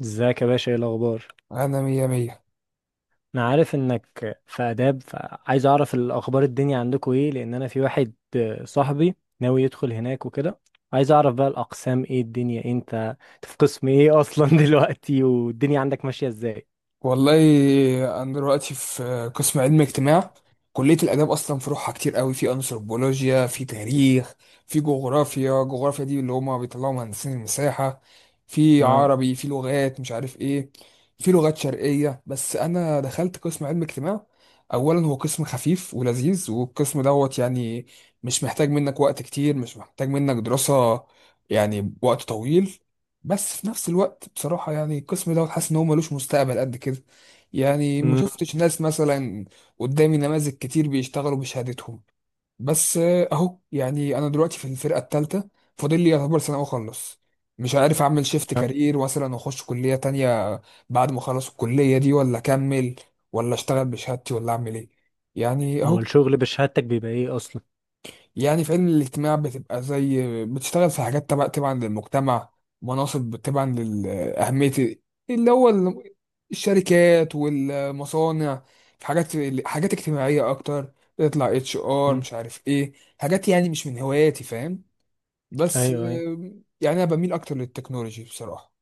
ازيك يا باشا، ايه الاخبار؟ انا مية مية. انا عارف انك في اداب، فعايز اعرف الاخبار. الدنيا عندكم ايه؟ لان انا في واحد صاحبي ناوي يدخل هناك وكده. عايز اعرف بقى الاقسام ايه، الدنيا إيه، انت في قسم ايه اصلا دلوقتي؟ والدنيا عندك ماشية ازاي؟ والله انا دلوقتي في قسم علم اجتماع. كلية الاداب اصلا فروعها كتير قوي، في انثروبولوجيا، في تاريخ، في جغرافيا. جغرافيا دي اللي هما بيطلعوا مهندسين المساحة. في اه. عربي، في لغات مش عارف ايه، في لغات شرقية. بس انا دخلت قسم علم اجتماع. اولا هو قسم خفيف ولذيذ، والقسم دوت يعني مش محتاج منك وقت كتير، مش محتاج منك دراسة يعني وقت طويل. بس في نفس الوقت بصراحة يعني القسم دوت حاسس إن هو ملوش مستقبل قد كده. يعني ما امم. شفتش ناس مثلا قدامي، نماذج كتير بيشتغلوا بشهادتهم. بس أهو يعني أنا دلوقتي في الفرقة التالتة، فاضل لي يعتبر سنة وأخلص. مش عارف أعمل شيفت آه. كارير مثلا وأخش كلية تانية بعد ما أخلص الكلية دي، ولا أكمل ولا أشتغل بشهادتي، ولا أعمل إيه يعني هو أهو. الشغل بشهادتك بيبقى ايه اصلا؟ يعني في علم الاجتماع بتبقى زي بتشتغل في حاجات تبعا للمجتمع، مناصب تبعا لأهمية اللي هو الشركات والمصانع. في حاجات اجتماعية أكتر، تطلع اتش ار امم. مش عارف ايه. حاجات يعني مش من هواياتي، فاهم؟ بس ايوه، ايوه. يعني أنا بميل أكتر للتكنولوجي بصراحة.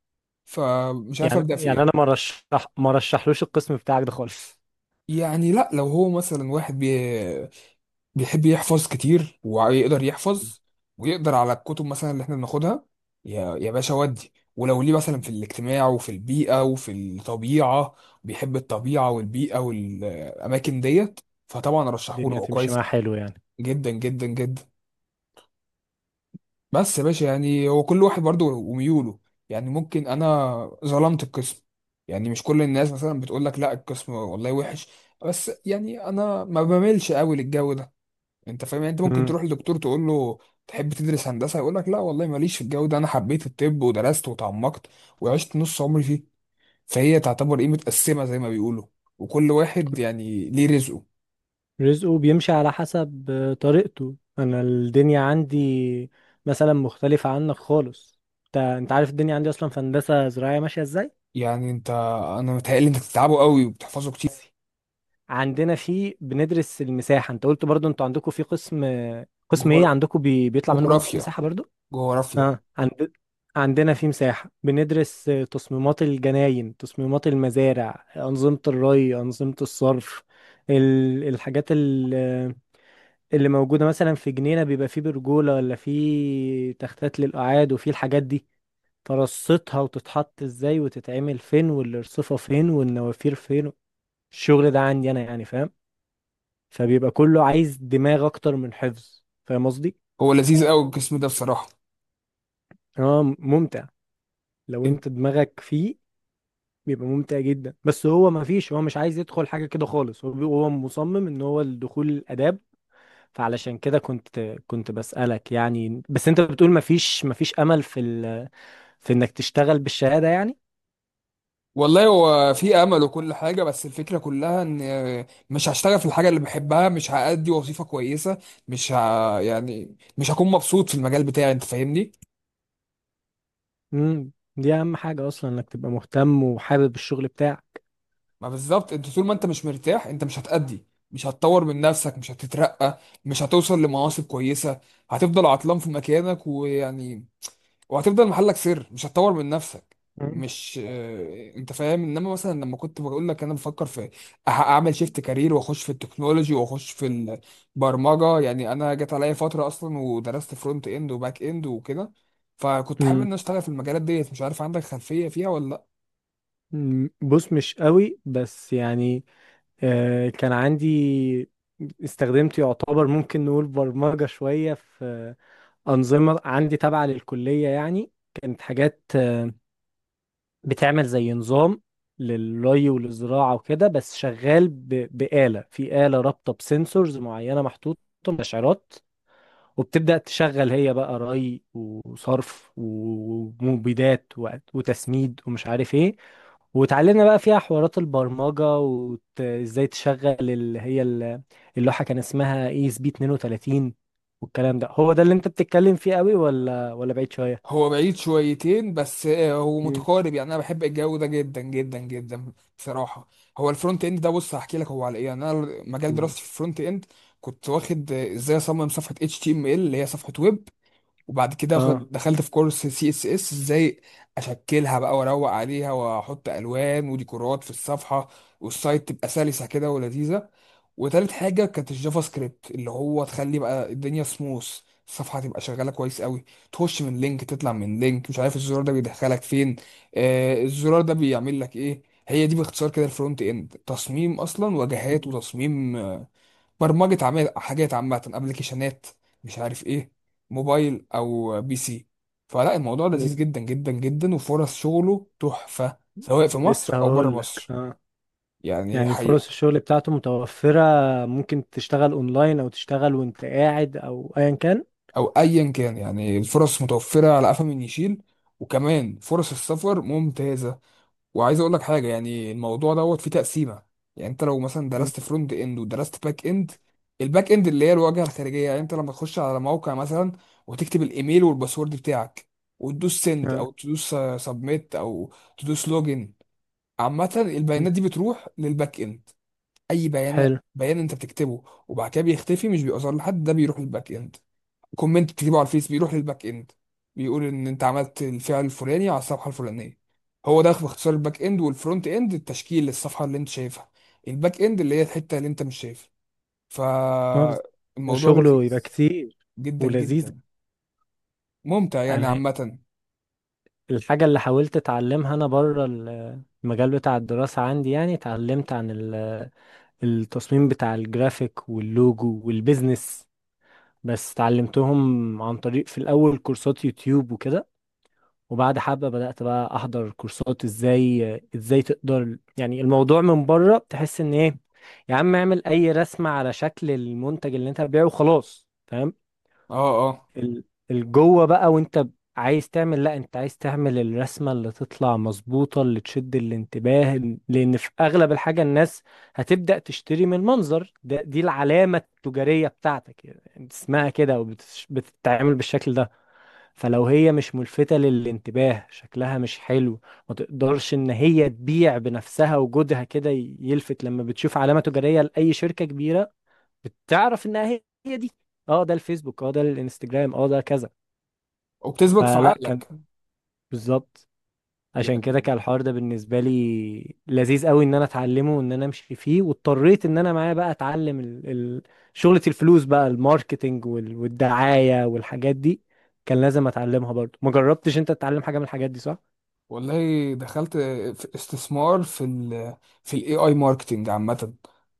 فمش عارف يعني أبدأ في يعني انا ايه. ما رشحلوش القسم بتاعك ده خالص. يعني لا، لو هو مثلا واحد بيحب يحفظ كتير ويقدر يحفظ، ويقدر على الكتب مثلا اللي احنا بناخدها، يا باشا، ودي ولو ليه مثلا في الاجتماع وفي البيئة وفي الطبيعة، بيحب الطبيعة والبيئة والأماكن ديت، فطبعا رشحوله، الدنيا هو تمشي كويس معاه حلو. جدا جدا جدا. بس يا باشا يعني هو كل واحد برضه وميوله. يعني ممكن أنا ظلمت القسم، يعني مش كل الناس مثلا بتقول لك لا القسم والله وحش، بس يعني أنا ما بميلش قوي للجو ده. انت فاهم؟ يعني انت ممكن يعني تروح لدكتور تقول له تحب تدرس هندسه، يقول لك لا والله ماليش في الجو ده، انا حبيت الطب ودرست وتعمقت وعشت نص عمري فيه. فهي تعتبر ايه، متقسمه زي ما بيقولوا، وكل واحد يعني ليه رزقه. رزقه بيمشي على حسب طريقته. انا الدنيا عندي مثلا مختلفة عنك خالص. انت عارف الدنيا عندي اصلا في هندسة زراعية ماشية ازاي؟ يعني انت، انا متهيألي انك بتتعبوا قوي وبتحفظوا كتير. عندنا في بندرس المساحة. انت قلت برضو انتوا عندكم في قسم، قسم ايه جغر... عندكم، بيطلع منه مهندس جغرافيا مساحة برضو؟ جغرافيا. اه. عندنا في مساحة بندرس تصميمات الجناين، تصميمات المزارع، أنظمة الري، أنظمة الصرف. الحاجات اللي موجودة مثلا في جنينة، بيبقى فيه برجولة ولا فيه تختات للقعاد، وفيه الحاجات دي. ترصتها وتتحط ازاي، وتتعمل فين، والارصفة فين، والنوافير فين. الشغل ده عندي انا يعني، فاهم؟ فبيبقى كله عايز دماغ اكتر من حفظ، فاهم قصدي؟ هو لذيذ قوي القسم ده بصراحه. هو ممتع. لو انت دماغك فيه بيبقى ممتع جدا. بس هو ما فيش هو مش عايز يدخل حاجة كده خالص. هو مصمم ان هو الدخول الآداب. فعلشان كده كنت بسألك يعني. بس انت بتقول ما فيش امل في انك تشتغل بالشهادة يعني. والله هو في امل وكل حاجه، بس الفكره كلها ان مش هشتغل في الحاجه اللي بحبها، مش هأدي وظيفه كويسه، مش ه... يعني مش هكون مبسوط في المجال بتاعي. انت فاهمني؟ دي اهم حاجة اصلا انك تبقى مهتم وحابب الشغل بتاعك. ما بالظبط، انت طول ما انت مش مرتاح انت مش هتأدي، مش هتطور من نفسك، مش هتترقى، مش هتوصل لمناصب كويسه، هتفضل عطلان في مكانك، ويعني وهتفضل محلك سر، مش هتطور من نفسك. مم. مش انت فاهم؟ انما مثلا لما كنت بقول لك انا بفكر في اعمل شيفت كارير واخش في التكنولوجي واخش في البرمجه، يعني انا جت عليا فتره اصلا ودرست فرونت اند وباك اند وكده. فكنت حابب ان امم أنا اشتغل في المجالات ديت. مش عارف عندك خلفيه فيها ولا؟ أمم، بص مش قوي بس يعني كان عندي. استخدمت يعتبر ممكن نقول برمجة شوية في أنظمة عندي تابعة للكلية، يعني كانت حاجات بتعمل زي نظام للري والزراعة وكده. بس شغال بآلة، في آلة رابطة بسنسورز معينة محطوطة، مستشعرات. وبتبدأ تشغل هي بقى ري وصرف ومبيدات وتسميد ومش عارف ايه. وتعلمنا بقى فيها حوارات البرمجة وازاي تشغل اللي هي اللوحة. كان اسمها اي اس بي 32. والكلام ده، هو ده اللي انت بتتكلم فيه قوي، ولا بعيد شوية؟ هو بعيد شويتين بس هو مم. متقارب، يعني انا بحب الجو ده جدا جدا جدا بصراحه. هو الفرونت اند ده، بص هحكي لك هو على ايه. يعني انا مجال قول. دراستي في الفرونت اند، كنت واخد ازاي اصمم صفحه اتش تي ام ال اللي هي صفحه ويب، وبعد كده اه. دخلت في كورس سي اس اس ازاي اشكلها بقى واروق عليها واحط الوان وديكورات في الصفحه، والسايت تبقى سلسه كده ولذيذه. وتالت حاجه كانت الجافا سكريبت، اللي هو تخلي بقى الدنيا سموث، الصفحه تبقى شغاله كويس قوي، تخش من لينك تطلع من لينك، مش عارف الزرار ده بيدخلك فين، الزرار ده بيعمل لك ايه. هي دي باختصار كده الفرونت اند، تصميم اصلا واجهات وتصميم برمجة، حاجات عامة، ابلكيشنات مش عارف ايه، موبايل او بي سي. فلا الموضوع مم. لذيذ جدا جدا جدا، وفرص شغله تحفة سواء في مصر لسه او بره هقول لك مصر اه. يعني يعني فرص حقيقة. الشغل بتاعته متوفرة. ممكن تشتغل اونلاين او تشتغل وانت قاعد او ايا كان. او ايا كان، يعني الفرص متوفرة على قفا من يشيل، وكمان فرص السفر ممتازة. وعايز اقول لك حاجه، يعني الموضوع دوت فيه تقسيمه. يعني انت لو مثلا مم. درست فرونت اند ودرست باك اند، الباك اند اللي هي الواجهه الخارجيه، يعني انت لما تخش على موقع مثلا وتكتب الايميل والباسورد بتاعك، وتدوس سند اه. او تدوس سبميت او تدوس لوجن، عامه مم. البيانات دي بتروح للباك اند. اي بيان حلو. بيان انت بتكتبه وبعد كده بيختفي مش بيظهر لحد، ده بيروح للباك اند. كومنت تجيبه على الفيس بيروح للباك اند، بيقول ان انت عملت الفعل الفلاني على الصفحه الفلانيه. هو ده باختصار الباك اند والفرونت اند، التشكيل للصفحه اللي انت شايفها، الباك اند اللي هي الحته اللي انت مش شايفها. اه. بس فالموضوع شغله يبقى لذيذ كتير. جدا ولذيذ. جدا، ممتع يعني انا عامه. الحاجه اللي حاولت اتعلمها انا بره المجال بتاع الدراسه عندي، يعني اتعلمت عن التصميم بتاع الجرافيك واللوجو والبيزنس. بس اتعلمتهم عن طريق في الاول كورسات يوتيوب وكده. وبعد حبه بدات بقى احضر كورسات ازاي تقدر، يعني الموضوع من بره بتحس ان ايه، يا عم اعمل اي رسمه على شكل المنتج اللي انت هتبيعه وخلاص، فاهم؟ اه، اه، ال- الجوه بقى، وانت عايز تعمل لا، انت عايز تعمل الرسمه اللي تطلع مظبوطه، اللي تشد الانتباه لان في اغلب الحاجه الناس هتبدا تشتري من المنظر ده. دي العلامه التجاريه بتاعتك، يعني اسمها كده وبتتعامل بالشكل ده. فلو هي مش ملفته للانتباه، شكلها مش حلو، ما تقدرش ان هي تبيع بنفسها. وجودها كده يلفت. لما بتشوف علامه تجاريه لاي شركه كبيره، بتعرف انها هي دي. اه ده الفيسبوك، اه ده الانستجرام، اه ده كذا. وبتثبت في فلا كان، عقلك بالظبط. عشان كده يعني. كان الحوار ده بالنسبة لي لذيذ قوي، ان انا اتعلمه وان انا امشي فيه. واضطريت ان انا معايا بقى اتعلم شغلة الفلوس بقى، الماركتينج والدعاية والحاجات دي. كان لازم اتعلمها برضو. ما جربتش انت تتعلم حاجة من الحاجات دي، صح؟ والله دخلت في استثمار في ال في الاي اي ماركتنج عامه.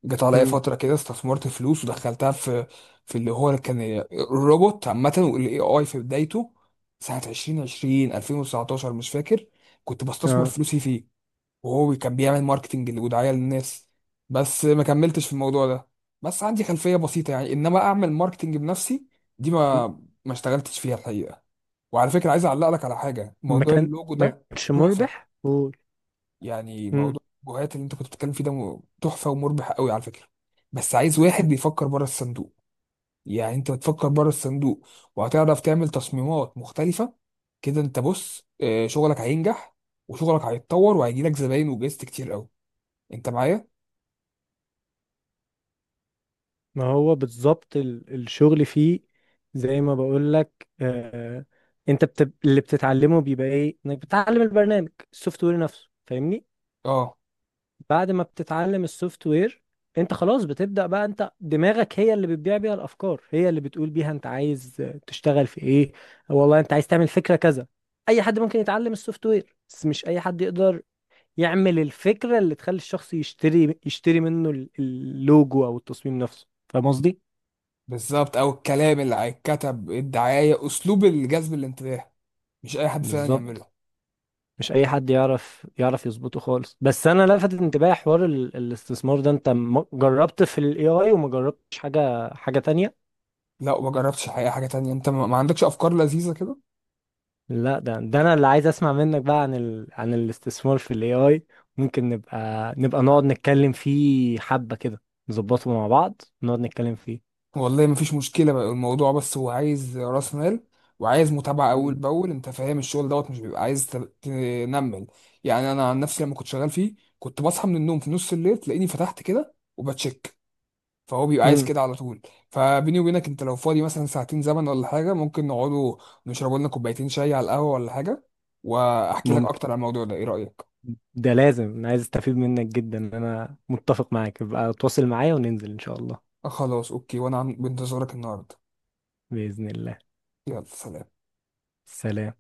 جت عليا امم. فتره كده، استثمرت فلوس ودخلتها في اللي هو كان الروبوت عامه، والاي اي في بدايته، سنه 2020 2019 مش فاكر. كنت بستثمر اه، فلوسي فيه، وهو كان بيعمل ماركتنج ودعاية للناس. بس ما كملتش في الموضوع ده. بس عندي خلفية بسيطة، يعني انما اعمل ماركتنج بنفسي، دي م- ما اشتغلتش فيها الحقيقة. وعلى فكرة عايز اعلق لك على حاجة، موضوع اللوجو ما ده كانش تحفة. مربح، قول. يعني امم. موضوع اللوجوهات اللي انت كنت بتتكلم فيه ده تحفة ومربح قوي على فكرة، بس عايز واحد بيفكر بره الصندوق. يعني انت بتفكر بره الصندوق وهتعرف تعمل تصميمات مختلفة كده، انت بص شغلك هينجح وشغلك هيتطور وهيجيلك زباين وجايزت كتير قوي. انت معايا؟ ما هو بالظبط الشغل فيه زي ما بقول لك، انت اللي بتتعلمه بيبقى ايه، انك بتتعلم البرنامج السوفت وير نفسه، فاهمني؟ اه، بعد ما بتتعلم السوفت وير، انت خلاص بتبدأ بقى، انت دماغك هي اللي بتبيع بيها الافكار، هي اللي بتقول بيها انت عايز تشتغل في ايه، والله انت عايز تعمل فكرة كذا. اي حد ممكن يتعلم السوفت وير، بس مش اي حد يقدر يعمل الفكرة اللي تخلي الشخص يشتري منه اللوجو او التصميم نفسه، فاهم قصدي؟ بالظبط. او الكلام اللي هيتكتب، الدعايه، اسلوب الجذب الانتباه، مش اي حد فعلا يعمله. بالظبط. مش اي حد يعرف يظبطه خالص. بس انا لفت انتباهي حوار الاستثمار ده. انت جربت في الاي اي وما جربتش حاجه تانية؟ لا، ما جربتش الحقيقه حاجه تانية. انت ما عندكش افكار لذيذه كده؟ لا، ده انا اللي عايز اسمع منك بقى عن عن الاستثمار في الاي اي. ممكن نبقى نقعد نتكلم فيه حبه كده، نظبطه مع بعض، نقعد نتكلم فيه. والله ما فيش مشكله بقى. الموضوع بس هو عايز راس مال وعايز متابعه اول باول. انت فاهم؟ الشغل دوت مش بيبقى عايز تنمل. يعني انا عن نفسي لما كنت شغال فيه كنت بصحى من النوم في نص الليل، تلاقيني فتحت كده وبتشيك. فهو بيبقى عايز امم. كده على طول. فبيني وبينك، انت لو فاضي مثلا ساعتين زمن ولا حاجه، ممكن نقعدوا نشربوا لنا كوبايتين شاي على القهوه ولا حاجه، واحكي لك ممكن. اكتر عن الموضوع ده، ايه رايك؟ ده لازم، انا عايز استفيد منك جدا، انا متفق معاك. ابقى تواصل معايا وننزل ان شاء الله. آه، خلاص اوكي، وانا بنتظرك النهارده. باذن الله. يلا سلام. سلام.